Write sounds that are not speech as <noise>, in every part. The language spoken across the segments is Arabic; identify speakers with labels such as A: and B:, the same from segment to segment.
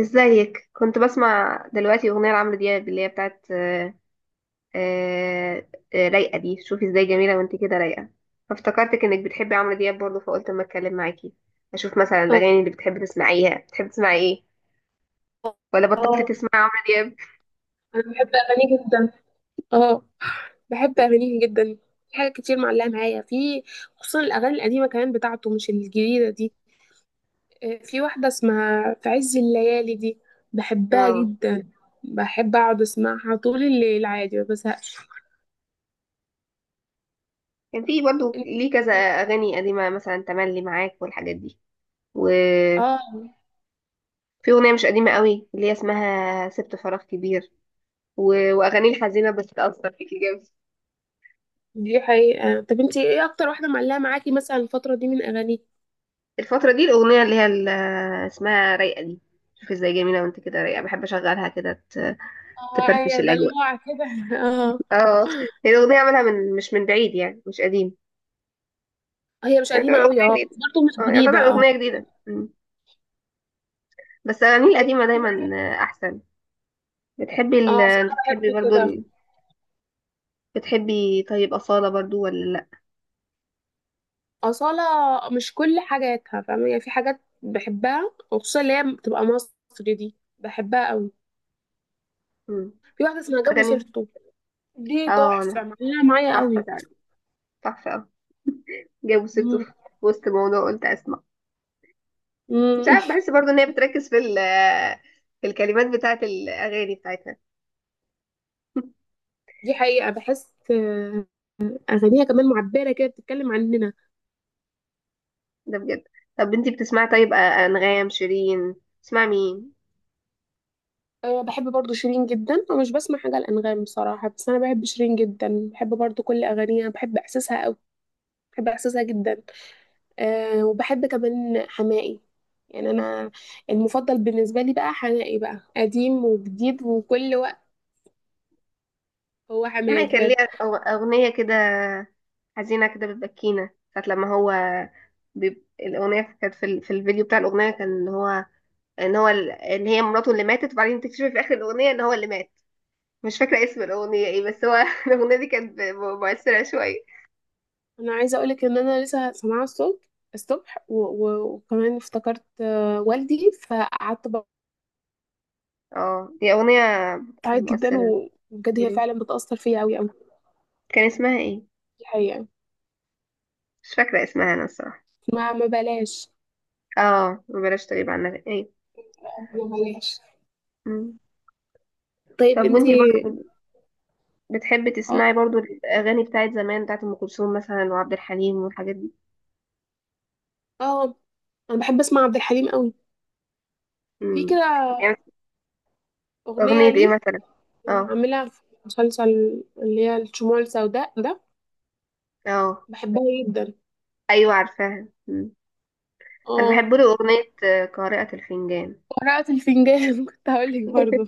A: ازيك؟ كنت بسمع دلوقتي اغنيه لعمرو دياب اللي هي بتاعت آه، رايقه دي. شوفي ازاي جميله وانت كده رايقه. فافتكرتك انك بتحبي عمرو دياب برضه، فقلت اما اتكلم معاكي اشوف مثلا
B: اه.
A: الاغاني اللي بتحبي تسمعيها. بتحبي تسمعي ايه؟ ولا بطلت
B: آه.
A: تسمعي عمرو دياب؟
B: انا بحب اغانيه جدا. اه. بحب اغانيه جدا. في حاجات كتير معلقه معايا في، خصوصا الاغاني القديمه كمان بتاعته، مش الجديده دي. في واحده اسمها في عز الليالي دي. بحبها
A: اه.
B: جدا. بحب اقعد اسمعها طول الليل عادي، ما بزهقش.
A: كان في برضه ليه كذا اغاني قديمه، مثلا تملي معاك والحاجات دي. وفي
B: اه،
A: اغنيه مش قديمه قوي اللي هي اسمها سبت فراغ كبير. و... واغاني الحزينه بس تاثر فيكي جامد.
B: دي حقيقة. طب انتي ايه اكتر واحدة معلقة معاكي مثلا الفترة دي من اغانيه؟
A: الفترة دي الأغنية اللي هي اسمها رايقة دي. شوف ازاي جميلة وانت كده رايقة. بحب أشغلها كده،
B: اه،
A: تفرفش
B: هي
A: الأجواء.
B: دلوعة كده. <laughs> اه.
A: اه، هي الأغنية عملها مش من بعيد يعني، مش قديم.
B: هي مش
A: يعتبر
B: قديمة اوي، اه،
A: أغنية جديدة.
B: بس برضه مش
A: اه، يعتبر
B: جديدة. اه.
A: أغنية جديدة. مم. بس الأغاني
B: طيب.
A: القديمة دايما أحسن.
B: اه، اصل
A: انت
B: انا بحب
A: بتحبي برضو
B: كده.
A: بتحبي، طيب، أصالة برضو ولا لأ؟
B: اصاله. مش كل حاجاتها فاهمه، يعني في حاجات بحبها، وخصوصا اللي هي بتبقى مصري دي بحبها قوي.
A: مم.
B: في واحده اسمها جابوا
A: أغاني.
B: سيرته. دي
A: اه،
B: تحفه معلقه معايا
A: تحفة
B: قوي.
A: فعلا. تحفة، اه. جابوا سيرته
B: مم.
A: في وسط موضوع، قلت أسمع. مش
B: مم.
A: عارف، بحس برضو ان هي بتركز في الكلمات بتاعت الاغاني بتاعتها. <laughs>
B: <laughs> دي حقيقه، بحس اغانيها كمان معبره كده، بتتكلم عننا.
A: ده بجد. طب، انتي بتسمعي، طيب، انغام، شيرين؟ تسمعي مين؟
B: أه، بحب برضو شيرين جدا، ومش بسمع حاجه الانغام بصراحه، بس انا بحب شيرين جدا، بحب برضو كل اغانيها، بحب احساسها قوي. بحب احساسها جدا. أه، وبحب كمان حماقي. يعني انا، المفضل بالنسبه لي بقى حماقي، بقى قديم وجديد وكل وقت. هو حماقي
A: سمعي، كان
B: بجد.
A: ليها اغنيه كده، حزينه كده، بتبكينا ساعه لما هو الاغنيه كانت في الفيديو بتاع الاغنيه كان ان هو ان هي مراته اللي ماتت، وبعدين تكتشفي في اخر الاغنيه ان هو اللي مات. مش فاكره اسم الاغنيه ايه، بس هو <laughs> الاغنيه دي كانت مؤثره شويه.
B: انا عايزه اقولك ان انا لسه سامعاه الصبح. الصبح و- و- وكمان افتكرت والدي، فقعدت
A: اه، دي اغنيه
B: بعيط جدا،
A: مؤثره.
B: و- وبجد هي
A: مم.
B: فعلا بتاثر فيا قوي قوي.
A: كان اسمها ايه؟
B: الحقيقه.
A: مش فاكرة اسمها أنا الصراحة.
B: ما بلاش.
A: اه، بلاش. تغيب عنها ايه.
B: ما بلاش.
A: مم.
B: طيب
A: طب، وانتي
B: انتي.
A: برضه بتحبي
B: اه.
A: تسمعي برضه الأغاني بتاعت زمان، بتاعت أم كلثوم مثلا، وعبد الحليم والحاجات دي؟
B: اه. انا بحب اسمع عبد الحليم قوي. في
A: مم.
B: كده
A: يعني
B: اغنيه
A: أغنية ايه
B: ليه
A: مثلا؟ اه،
B: عاملها في مسلسل، اللي هي الشموع السوداء ده.
A: اه.
B: بحبها جدا.
A: أيوة، عارفاها. مم. أنا
B: اه،
A: بحب له أغنية قارئة الفنجان.
B: قراءة الفنجان، <laughs> كنت هقولك برضو.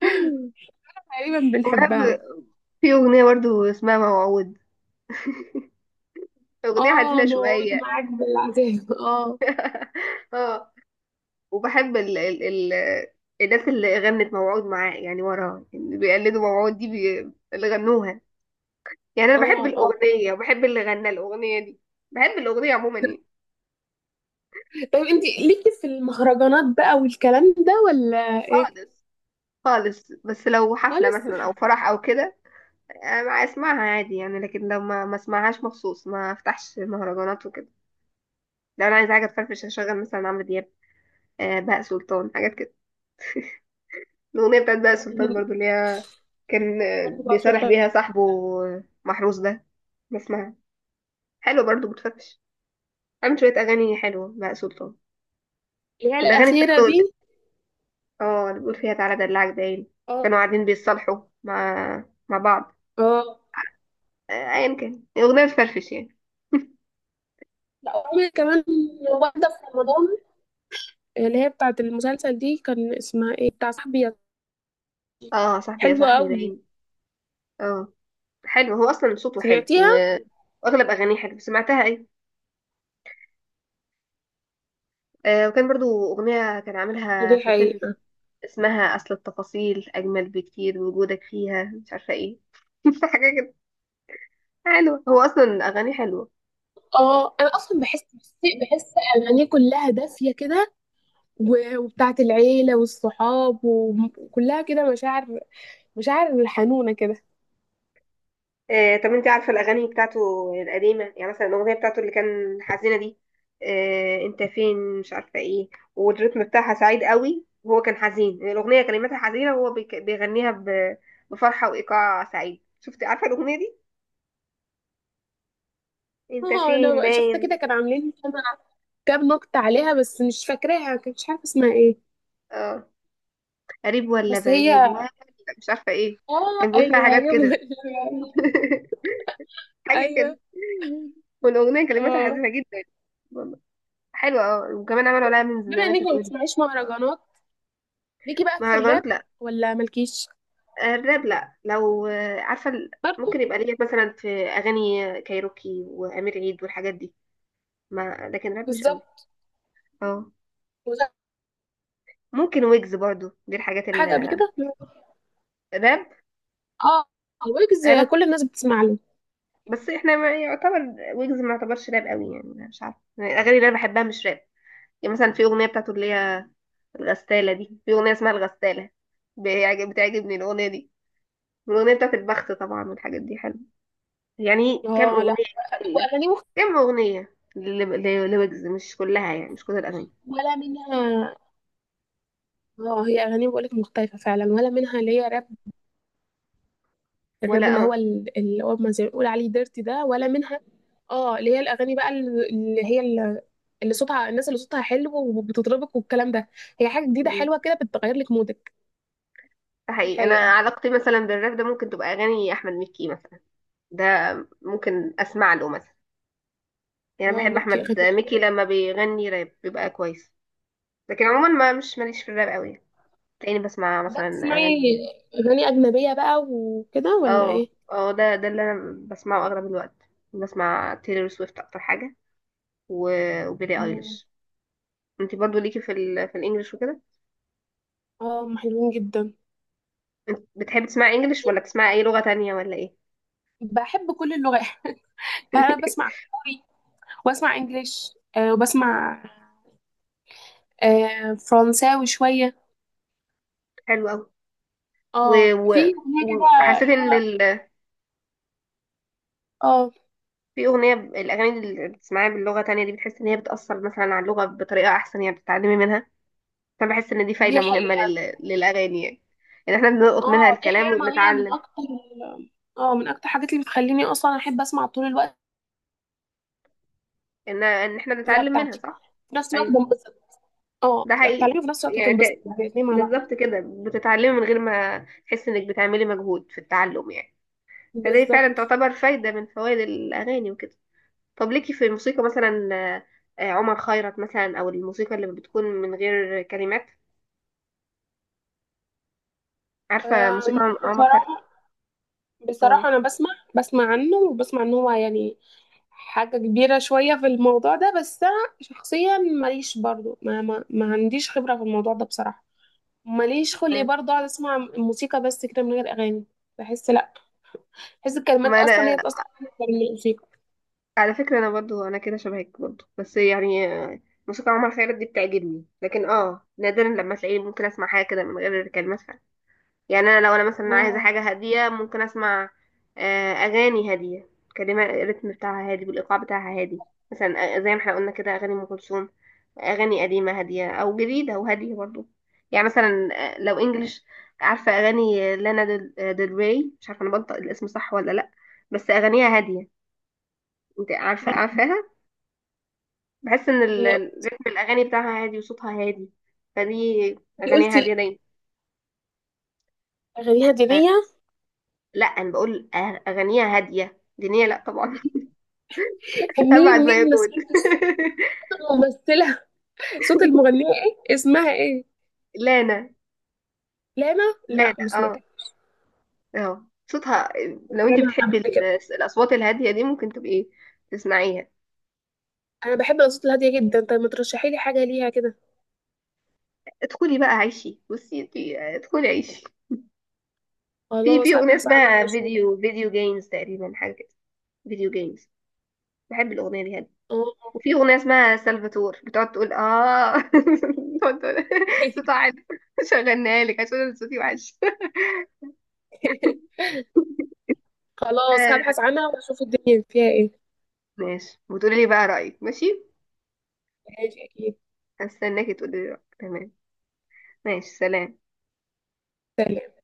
A: <laughs>
B: تقريبا
A: وبحب.
B: بنحبها.
A: في أغنية برضه اسمها موعود، أغنية
B: اه،
A: حزينة
B: موعود
A: شوية.
B: معاك بالعذاب. اه.
A: <laughs> وبحب ال ال ال الناس اللي غنت موعود معاه، يعني وراها اللي بيقلدوا موعود دي، اللي غنوها. يعني انا بحب
B: اه. اه.
A: الاغنيه، وبحب اللي غنى الاغنيه دي. بحب الاغنيه عموما يعني.
B: طيب انت ليكي في المهرجانات بقى والكلام ده، ولا ايه؟
A: خالص. خالص، بس لو حفله
B: خالص.
A: مثلا
B: <laughs>
A: او فرح او كده أنا اسمعها عادي يعني، لكن لو ما ما اسمعهاش مخصوص، ما افتحش مهرجانات وكده. لو انا عايزه حاجه تفرفش، هشغل مثلا عمرو دياب، بهاء سلطان، حاجات كده. الاغنيه بتاعت بهاء سلطان برضو اللي هي كان
B: برضو بقى
A: بيصالح
B: سلطان.
A: بيها صاحبه، محروس ده، بسمعها. حلو برضو، بتفرفش. عامل شوية أغاني حلوة بقى سلطان.
B: اللي هي
A: والأغاني
B: الأخيرة
A: بتاعته
B: دي.
A: اللي بيقول فيها تعالى دلعك باين،
B: اه.
A: كانوا قاعدين بيتصالحوا مع بعض.
B: اه.
A: أيا كان، أغنية بتفرفش يعني. <laughs>
B: لا، وعملت كمان واحدة في رمضان، اللي هي بتاعة المسلسل دي، كان اسمها ايه، بتاع صاحبي.
A: اه، صاحبي يا
B: حلوة
A: صاحبي
B: قوي.
A: باين. اه، حلو. هو أصلا صوته حلو
B: سمعتيها.
A: وأغلب أغانيه حلو. سمعتها أيه؟ آه، وكان برضو أغنية كان عاملها
B: دي
A: في فيلم
B: حقيقة.
A: اسمها: أصل التفاصيل أجمل بكتير وجودك فيها، مش عارفة ايه. <laughs> حاجة كده. حلوة، هو أصلا أغانيه حلوة.
B: اه، انا اصلا بحس، اغانيه كلها دافيه كده، و- وبتاعت العيله والصحاب، وكلها كده مشاعر. مشاعر حنونه كده.
A: طب، انت عارفه الاغاني بتاعته القديمه يعني، مثلا الاغنيه بتاعته اللي كان حزينه دي، انت فين، مش عارفه ايه، والريتم بتاعها سعيد قوي وهو كان حزين. الاغنيه كلماتها حزينه وهو بيغنيها بفرحه وايقاع سعيد. شفتي؟ عارفه الاغنيه دي؟ انت
B: اه، انا
A: فين،
B: بقى شفت كده
A: باين.
B: كانوا عاملين كام نكته عليها، بس مش فاكراها، كنت مش عارفه اسمها ايه.
A: اه، قريب ولا
B: بس هي،
A: بعيد ولا مش عارفه ايه.
B: اه،
A: كان بيقول فيها
B: ايوه،
A: حاجات
B: ايوه.
A: كده.
B: <laughs>
A: <laughs> حاجه
B: ايوه.
A: كده. والاغنيه كلماتها
B: اه،
A: حزينه جدا. والله حلوه. اه، وكمان عملوا عليها من زي
B: بما
A: ما
B: انك
A: انت
B: ما
A: بتقولي.
B: بتسمعيش مهرجانات، ليكي بقى في الراب
A: مهرجانات؟
B: ولا مالكيش؟
A: الراب، لا، لو عارفة ممكن
B: برضه.
A: يبقى ليا مثلا في أغاني كايروكي وأمير عيد والحاجات دي، ما لكن راب مش قوي.
B: بالظبط.
A: اه،
B: وزي
A: ممكن ويجز برضو، دي الحاجات.
B: حاجه قبل كده.
A: الراب،
B: اه، ويجز
A: علاقة.
B: كل الناس بتسمع له.
A: بس احنا، ما يعتبر، ويجز ما يعتبرش راب قوي، يعني أنا مش عارفة. يعني الأغاني اللي أنا بحبها مش راب. يعني مثلا في أغنية بتاعته اللي هي الغسالة دي، في أغنية اسمها الغسالة، بتعجبني الأغنية دي. والأغنية بتاعت البخت طبعا والحاجات دي حلوة. يعني كام
B: اه لا،
A: أغنية كده،
B: واغانيه مختلفه
A: كام أغنية لويجز، مش كلها يعني، مش كل الأغاني.
B: ولا منها. اه، هي اغانيه بقولك مختلفه فعلا، ولا منها اللي هي راب. الراب
A: ولا.
B: اللي هو
A: اه.
B: ال- اللي هو ما زي ما بيقول عليه ديرتي ده، ولا منها. اه، اللي هي الاغاني بقى اللي صوتها، الناس اللي صوتها حلو وبتطربك والكلام ده. هي حاجه جديده
A: م.
B: حلوه كده، بتغير لك مودك.
A: ده
B: دي
A: حقيقي، أنا
B: حقيقة.
A: علاقتي مثلا بالراب ده ممكن تبقى أغاني أحمد مكي مثلا. ده، ممكن أسمع له مثلا. يعني أنا
B: اه،
A: بحب
B: ميكي
A: أحمد
B: اغاني.
A: مكي، لما بيغني راب بيبقى كويس. لكن عموما، ما، مش ماليش في الراب قوي. تلاقيني بسمع
B: طب بقى
A: مثلا
B: بتسمعي
A: أغاني.
B: اغاني اجنبيه بقى وكده، ولا
A: اه،
B: ايه؟
A: اه، ده اللي أنا بسمعه أغلب الوقت. بسمع تيلر سويفت أكتر حاجة، وبيلي
B: مم.
A: أيليش. انتي برضو ليكي في الانجليش وكده؟
B: اه، هم حلوين جدا.
A: انت بتحبي تسمعي انجليش، ولا بتسمعي اي لغة تانية، ولا ايه؟
B: بحب كل اللغات. <laughs> يعني انا بسمع كوري، واسمع انجليش، وبسمع فرنساوي شوية.
A: حلو قوي.
B: اه،
A: و...
B: في أغنية كده،
A: وحسيت ان
B: لا. اه،
A: في اغنيه، الاغاني اللي بتسمعيها باللغه تانية دي، بتحس ان هي بتاثر مثلا على اللغه بطريقه احسن، يعني بتتعلمي منها. فانا بحس ان دي فايده
B: دي
A: مهمه
B: حقيقة.
A: للاغاني يعني، ان احنا بنلقط
B: اه،
A: منها
B: دي
A: الكلام
B: حقيقة، ما هي من
A: وبنتعلم،
B: أكتر من أكتر الحاجات اللي بتخليني أصلا أحب أسمع طول الوقت
A: ان احنا
B: اللغة
A: بنتعلم منها،
B: بتاعتي.
A: صح.
B: في نفس الوقت
A: ايوه،
B: بنبسط. اه،
A: ده
B: بتبقى
A: حقيقي.
B: بتعلمي في نفس الوقت
A: يعني،
B: بتنبسط، الاتنين مع بعض.
A: بالظبط كده، بتتعلمي من غير ما تحس انك بتعملي مجهود في التعلم يعني. فدي فعلا
B: بالظبط.
A: تعتبر فايده من فوائد الاغاني وكده. طب، ليكي في الموسيقى مثلا، عمر خيرت مثلا، او الموسيقى اللي بتكون من غير كلمات؟ عارفه
B: آم،
A: موسيقى عمر خيرت؟
B: بصراحة،
A: اه.
B: أنا بسمع، عنه، وبسمع إن هو يعني حاجة كبيرة شوية في الموضوع ده، بس أنا شخصيا ماليش برضو، ما عنديش خبرة في الموضوع ده بصراحة. ماليش خلق
A: آه.
B: برضه اقعد اسمع موسيقى بس كده، من غير اغاني. بحس لا، بحس الكلمات
A: ما
B: اصلا
A: انا،
B: هي بتاثر عليا أكتر من الموسيقى.
A: على فكره، انا برضو انا كده شبهك برضو، بس يعني موسيقى عمر خيرت دي بتعجبني، لكن نادرا لما تلاقيني ممكن اسمع حاجه كده من غير كلمات. يعني انا، لو انا مثلا عايزه
B: اه.
A: حاجه هاديه، ممكن اسمع اغاني هاديه، كلمه، الريتم بتاعها هادي والايقاع بتاعها هادي. مثلا زي ما احنا قلنا كده اغاني ام كلثوم، اغاني قديمه هاديه، او جديده وهاديه برضو. يعني مثلا لو انجلش، عارفه اغاني لانا ديل ديل ري؟ مش عارفه انا بنطق الاسم صح ولا لا، بس اغانيها هاديه. انت عارفاها؟ بحس ان
B: إيه،
A: رتم الاغاني بتاعها هادي وصوتها هادي، فدي
B: انتي
A: اغانيها هاديه
B: قلتي
A: دايما.
B: اغانيها دينيه.
A: لا، انا بقول اغانيها هاديه، دينيه لا طبعا،
B: كان مين
A: أبعد ما
B: مين
A: يكون.
B: مسؤولة صوت الممثله. <laughs> صوت المغنيه ايه، اسمها ايه؟
A: <laughs> لانا.
B: لانا. لا،
A: لانا،
B: ما
A: اه.
B: سمعتها.
A: اه، صوتها، لو انت
B: انا
A: بتحبي
B: قبل كده،
A: الأصوات الهادية دي ممكن تبقي تسمعيها.
B: انا بحب الاصوات الهاديه جدا. طب ما ترشحي لي حاجه ليها كده.
A: ادخلي بقى، عيشي. بصي انت، ادخلي، عيشي. في
B: خلاص،
A: أغنية
B: هبحث عنها
A: اسمها
B: واشوف.
A: فيديو جيمز تقريبا، حاجة كده. فيديو جيمز، بحب الأغنية دي، هادية.
B: اه.
A: وفي أغنية اسمها سلفاتور بتقعد تقول اه، <laughs> بتقعد تقول. صوتها حلو، شغلناها لك عشان أنا صوتي وحش.
B: <laughs>
A: <laughs>
B: خلاص،
A: آه،
B: هبحث عنها واشوف الدنيا فيها ايه.
A: ماشي، وتقولي لي بقى رأيك. ماشي،
B: ماشي، اكيد.
A: هستناكي تقولي لي رأيك. تمام. ماشي، سلام.
B: سلام.